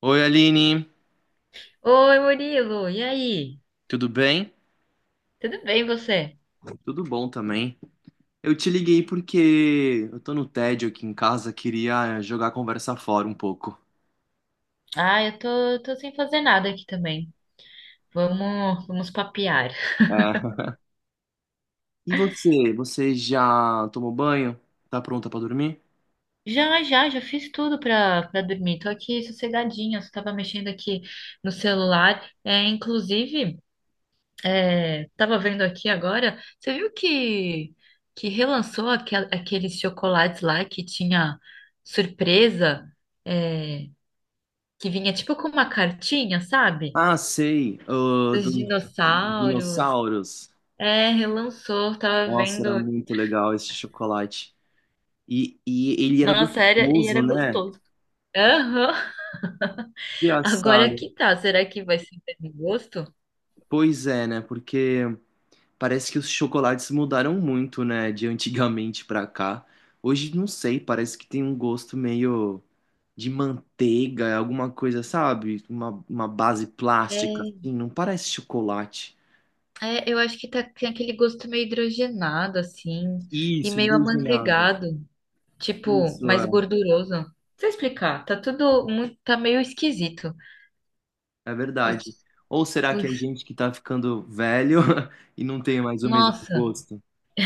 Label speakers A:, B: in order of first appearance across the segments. A: Oi, Aline,
B: Oi, Murilo, e aí?
A: tudo bem?
B: Tudo bem você?
A: Tudo bom também. Eu te liguei porque eu tô no tédio aqui em casa, queria jogar a conversa fora um pouco.
B: Ah, eu tô sem fazer nada aqui também. Vamos papear.
A: É. E você? Você já tomou banho? Tá pronta pra dormir?
B: Já fiz tudo pra dormir. Tô aqui sossegadinha, só tava mexendo aqui no celular. Tava vendo aqui agora, você viu que relançou aqueles chocolates lá que tinha surpresa, é, que vinha tipo com uma cartinha, sabe?
A: Ah, sei, ah,
B: Dos
A: dos
B: dinossauros.
A: dinossauros.
B: É, relançou, tava
A: Nossa, era
B: vendo.
A: muito legal esse chocolate. E ele era
B: Nossa, era, e
A: gostoso,
B: era
A: né?
B: gostoso. Aham. Agora
A: Engraçado.
B: que tá, será que vai ser o mesmo gosto?
A: Pois é, né? Porque parece que os chocolates mudaram muito, né, de antigamente pra cá. Hoje, não sei, parece que tem um gosto meio de manteiga, alguma coisa, sabe? Uma base plástica,
B: É,
A: assim, não parece chocolate.
B: eu acho que tá, tem aquele gosto meio hidrogenado, assim, e
A: Isso,
B: meio
A: hidrogenado.
B: amanteigado, tipo,
A: Isso,
B: mais
A: é,
B: gorduroso. Não sei explicar, tá tudo muito, tá meio esquisito.
A: é
B: Os,
A: verdade. Ou será que
B: os,
A: é gente que tá ficando velho e não tem mais o mesmo
B: nossa.
A: gosto?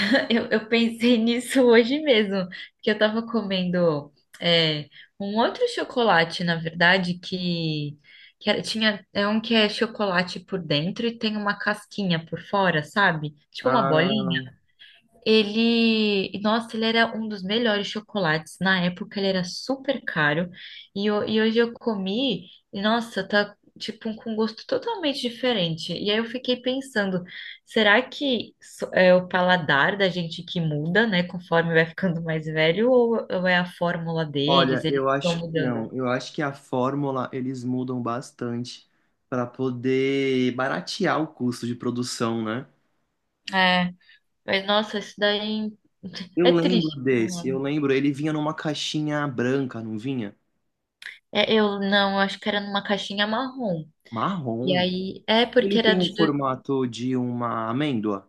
B: Eu pensei nisso hoje mesmo, que eu tava comendo é, um outro chocolate, na verdade, que tinha, é um que é chocolate por dentro e tem uma casquinha por fora, sabe? Tipo uma
A: Ah,
B: bolinha. Ele, nossa, ele era um dos melhores chocolates. Na época ele era super caro e e hoje eu comi e nossa, tá tipo um, com um gosto totalmente diferente. E aí eu fiquei pensando, é o paladar da gente que muda, né, conforme vai ficando mais velho, ou é a fórmula
A: olha,
B: deles, eles
A: eu
B: estão
A: acho que
B: mudando?
A: não. Eu acho que a fórmula eles mudam bastante para poder baratear o custo de produção, né?
B: É, mas nossa, isso daí é
A: Eu lembro
B: triste por um
A: desse, eu
B: lado.
A: lembro, ele vinha numa caixinha branca, não vinha?
B: É, eu não, eu acho que era numa caixinha marrom. E
A: Marrom.
B: aí, é
A: Ele
B: porque era
A: tem o
B: de.
A: formato de uma amêndoa.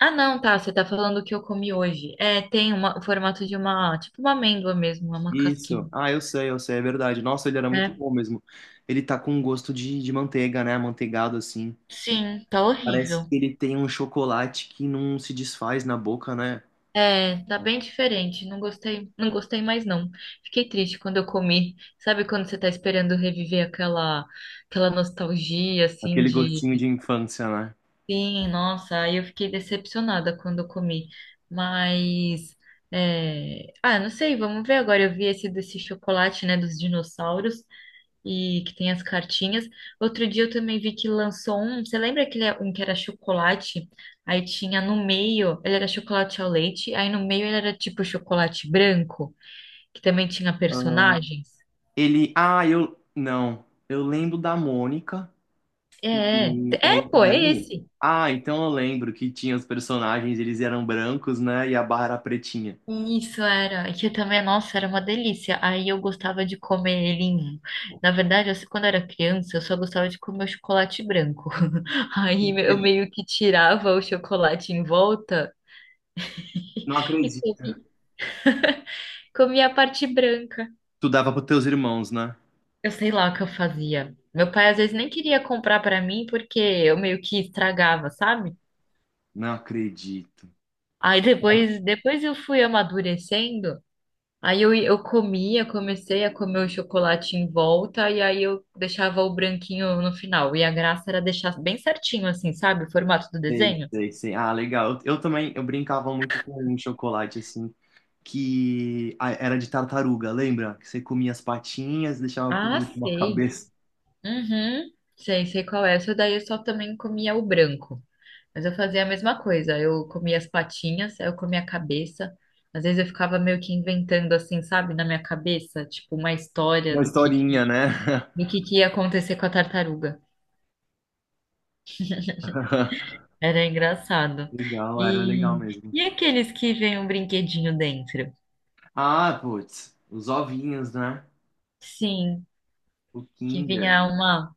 B: Ah, não, tá. Você tá falando o que eu comi hoje. É, tem uma, o formato de uma, tipo uma amêndoa mesmo, é uma casquinha,
A: Isso. Ah, eu sei, é verdade. Nossa, ele era muito
B: né?
A: bom mesmo. Ele tá com um gosto de manteiga, né? Amanteigado assim.
B: Sim, tá
A: Parece
B: horrível.
A: que ele tem um chocolate que não se desfaz na boca, né?
B: É, tá bem diferente. Não gostei, não gostei mais não. Fiquei triste quando eu comi. Sabe quando você tá esperando reviver aquela, aquela nostalgia assim
A: Aquele
B: de,
A: gostinho de infância, né?
B: sim, nossa, aí eu fiquei decepcionada quando eu comi. Mas é... Ah, não sei, vamos ver agora. Eu vi esse desse chocolate, né, dos dinossauros, e que tem as cartinhas. Outro dia eu também vi que lançou um. Você lembra aquele um que era chocolate? Aí tinha no meio, ele era chocolate ao leite, aí no meio ele era tipo chocolate branco, que também tinha personagens.
A: Ele. Ah, eu. Não. Eu lembro da Mônica,
B: É,
A: que é esse
B: Pô, é
A: daí.
B: esse.
A: Ah, então eu lembro que tinha os personagens, eles eram brancos, né? E a barra era pretinha.
B: Isso era, e que também, nossa, era uma delícia. Aí eu gostava de comer ele. Na verdade, assim, quando eu era criança, eu só gostava de comer o chocolate branco. Aí eu
A: Mentira,
B: meio que tirava o chocolate em volta
A: não
B: e
A: acredito.
B: comia. Comia a parte branca.
A: Tu dava pros teus irmãos, né?
B: Eu sei lá o que eu fazia. Meu pai às vezes nem queria comprar pra mim porque eu meio que estragava, sabe?
A: Não acredito.
B: Aí depois eu fui amadurecendo. Eu comia, comecei a comer o chocolate em volta e aí eu deixava o branquinho no final. E a graça era deixar bem certinho assim, sabe? O formato do
A: Sei,
B: desenho.
A: sei, sei. Ah, legal. Eu também, eu brincava muito com um chocolate, assim, que ah, era de tartaruga, lembra? Que você comia as patinhas, deixava por
B: Ah,
A: último a
B: sei.
A: cabeça.
B: Uhum. Sei, sei qual é. Essa daí eu só também comia o branco. Mas eu fazia a mesma coisa. Eu comia as patinhas, aí eu comia a cabeça. Às vezes eu ficava meio que inventando assim, sabe, na minha cabeça, tipo uma história
A: Uma historinha, né?
B: do que ia acontecer com a tartaruga. Era engraçado.
A: Legal, era legal
B: E
A: mesmo.
B: e aqueles que vêm um brinquedinho dentro?
A: Ah, putz, os ovinhos, né?
B: Sim,
A: O
B: que
A: Kinder.
B: vinha uma,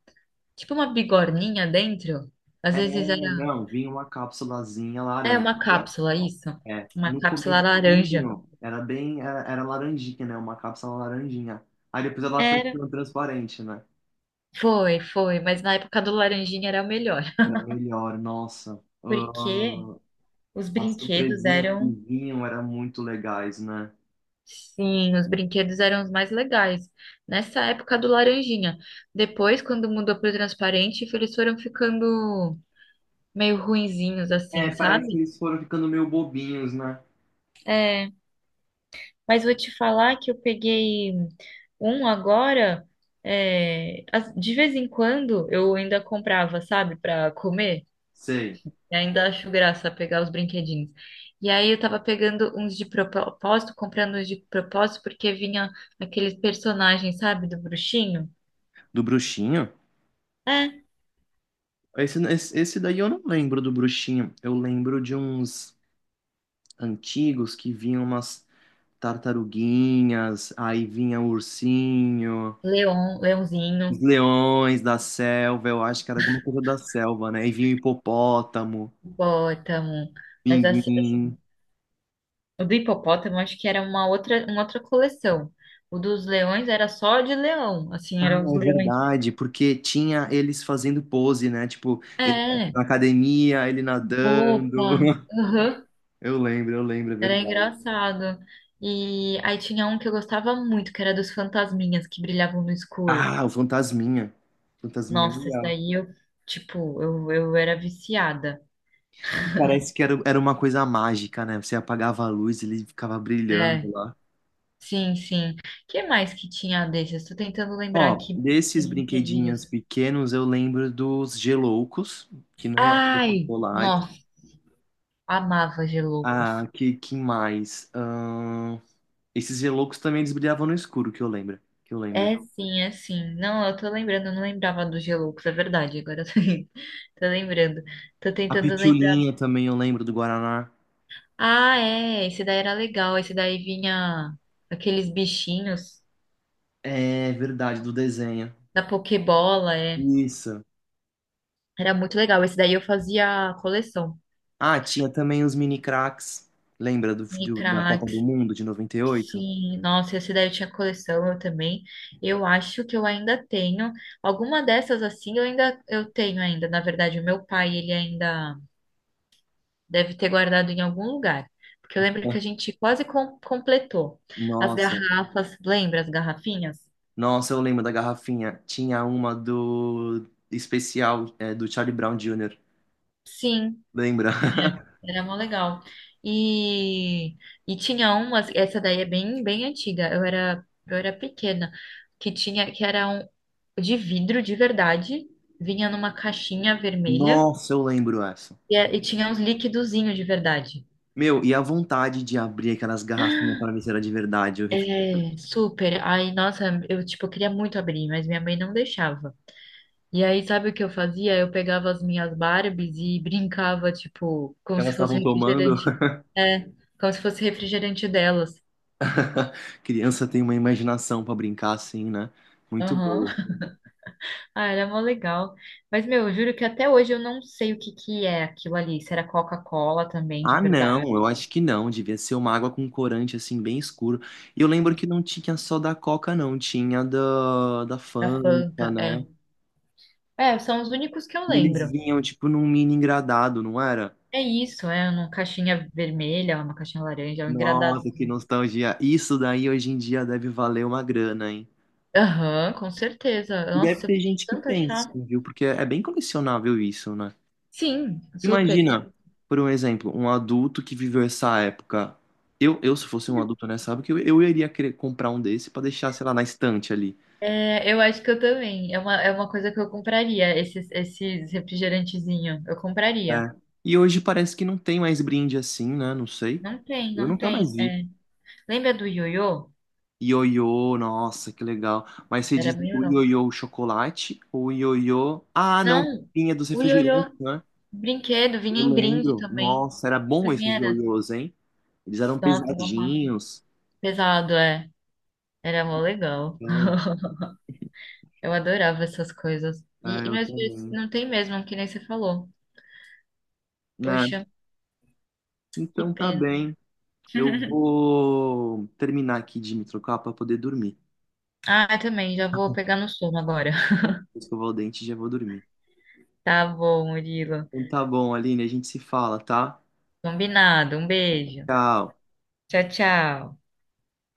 B: tipo uma bigorninha dentro. Às
A: É,
B: vezes era,
A: não, vinha uma cápsulazinha
B: é
A: laranja.
B: uma cápsula, isso.
A: É,
B: Uma
A: no
B: cápsula laranja.
A: comecinho era bem, era, era laranjinha, né? Uma cápsula laranjinha. Aí depois ela foi
B: Era.
A: ficando transparente, né?
B: Foi, foi, mas na época do laranjinha era o melhor.
A: Era melhor, nossa.
B: Porque os
A: Ah, as
B: brinquedos
A: surpresinhas que
B: eram,
A: vinham eram muito legais, né?
B: sim, os brinquedos eram os mais legais. Nessa época do laranjinha. Depois, quando mudou pro transparente, eles foram ficando meio ruinzinhos assim,
A: É, parece que
B: sabe?
A: eles foram ficando meio bobinhos, né?
B: É, mas vou te falar que eu peguei um agora, de vez em quando eu ainda comprava, sabe, para comer.
A: Sei.
B: E ainda acho graça pegar os brinquedinhos. E aí eu tava pegando uns de propósito, comprando uns de propósito, porque vinha aqueles personagens, sabe, do bruxinho?
A: Do bruxinho?
B: É.
A: Esse daí eu não lembro do bruxinho. Eu lembro de uns antigos que vinham umas tartaruguinhas, aí vinha o ursinho,
B: Leão,
A: os
B: leãozinho,
A: leões da selva, eu acho que era alguma coisa da selva, né? E vinha o hipopótamo,
B: hipopótamo. Mas assim,
A: pinguim.
B: assim, o do hipopótamo acho que era uma outra coleção. O dos leões era só de leão, assim,
A: Ah,
B: eram os
A: é
B: leões.
A: verdade, porque tinha eles fazendo pose, né? Tipo, ele
B: É,
A: na academia, ele nadando.
B: roupa. Aham.
A: Eu lembro, é
B: Era
A: verdade.
B: engraçado. E aí tinha um que eu gostava muito, que era dos fantasminhas que brilhavam no escuro.
A: Ah, o Fantasminha. Fantasminha é
B: Nossa, isso
A: legal.
B: daí eu era viciada.
A: Parece que era, era uma coisa mágica, né? Você apagava a luz, ele ficava
B: É,
A: brilhando lá.
B: sim. Que mais que tinha desses? Estou tentando lembrar
A: Ó,
B: aqui
A: desses
B: dos
A: brinquedinhos
B: brinquedinhos.
A: pequenos, eu lembro dos geloucos, que não eram
B: Ai,
A: chocolates.
B: nossa, amava Geloucos.
A: Ah, que mais? Esses geloucos também eles brilhavam no escuro, que eu lembro. Que eu lembro.
B: É sim. Não, eu tô lembrando, eu não lembrava dos Geloucos, é verdade. Agora eu tô, tô lembrando. Tô
A: A
B: tentando lembrar.
A: pitulinha também eu lembro do Guaraná.
B: Ah, é, esse daí era legal. Esse daí vinha aqueles bichinhos
A: É verdade, do desenho.
B: da Pokébola, é.
A: Isso.
B: Era muito legal. Esse daí eu fazia coleção.
A: Ah, tinha também os mini cracks. Lembra do, do- da
B: Micra,
A: Copa do Mundo de 98.
B: sim, nossa, esse daí eu tinha coleção, eu também. Eu acho que eu ainda tenho. Alguma dessas assim eu ainda eu tenho ainda. Na verdade, o meu pai, ele ainda deve ter guardado em algum lugar. Porque eu lembro que a gente completou. As
A: Nossa.
B: garrafas, lembra as garrafinhas?
A: Nossa, eu lembro da garrafinha. Tinha uma do especial, é, do Charlie Brown Jr.
B: Sim,
A: Lembra?
B: é, era mó legal. E, e tinha umas, essa daí é bem antiga. Eu era pequena, que era um de vidro de verdade, vinha numa caixinha vermelha
A: Nossa, eu lembro essa.
B: e tinha uns liquidozinhos de verdade.
A: Meu, e a vontade de abrir aquelas garrafinhas para ver se era de verdade o
B: É,
A: refrigerante.
B: super. Aí, nossa, eu tipo queria muito abrir, mas minha mãe não deixava. E aí, sabe o que eu fazia? Eu pegava as minhas Barbies e brincava, tipo, como
A: Que
B: se
A: elas
B: fosse
A: estavam tomando.
B: refrigerante. É, como se fosse refrigerante delas.
A: Criança tem uma imaginação para brincar assim, né? Muito
B: Aham.
A: boa.
B: Ah, era mó legal. Mas, meu, eu juro que até hoje eu não sei o que que é aquilo ali. Se era Coca-Cola também, de
A: Ah,
B: verdade.
A: não, eu acho que não. Devia ser uma água com corante assim, bem escuro. E eu lembro
B: Mas
A: que não tinha só da Coca, não. Tinha da, da
B: da
A: Fanta,
B: Fanta,
A: né?
B: é. É, são os únicos que eu
A: E eles
B: lembro.
A: vinham, tipo, num mini engradado, não era?
B: É isso, é uma caixinha vermelha, uma caixinha laranja, um engradado.
A: Nossa, que nostalgia. Isso daí hoje em dia deve valer uma grana, hein?
B: Aham, com certeza.
A: E deve
B: Nossa, eu
A: ter
B: queria
A: gente que
B: tanto
A: tem,
B: achar.
A: sim, viu? Porque é bem colecionável isso, né?
B: Sim, super.
A: Imagina, por um exemplo, um adulto que viveu essa época. Eu se fosse um adulto nessa época, eu iria querer comprar um desse pra deixar, sei lá, na estante ali.
B: É, eu acho que eu também. É uma coisa que eu compraria, esses refrigerantezinhos. Eu compraria.
A: É. E hoje parece que não tem mais brinde assim, né? Não sei.
B: Não tem,
A: Eu
B: não
A: nunca mais
B: tem.
A: vi.
B: É. Lembra do ioiô?
A: Ioiô, nossa, que legal. Mas você
B: Era
A: diz
B: meio.
A: o ioiô chocolate ou o ioiô... Ah, não,
B: Não,
A: vinha dos
B: o
A: refrigerantes,
B: ioiô
A: né?
B: brinquedo vinha
A: Eu
B: em brinde
A: lembro.
B: também.
A: Nossa, era
B: Pra
A: bom esses
B: quem era?
A: ioiôs, hein? Eles eram
B: Nossa, eu amava.
A: pesadinhos.
B: Pesado, é. Era mó legal.
A: Então,
B: Eu adorava essas coisas.
A: é,
B: E
A: eu
B: meus dias
A: também.
B: não tem mesmo, que nem você falou.
A: É,
B: Poxa, que
A: então tá
B: pena.
A: bem. Eu vou terminar aqui de me trocar pra poder dormir.
B: Ah, eu também, já vou pegar no sono agora.
A: Vou escovar o dente e já vou dormir.
B: Tá bom, Murilo.
A: Então tá bom, Aline, a gente se fala, tá?
B: Combinado. Um beijo.
A: Tchau.
B: Tchau, tchau.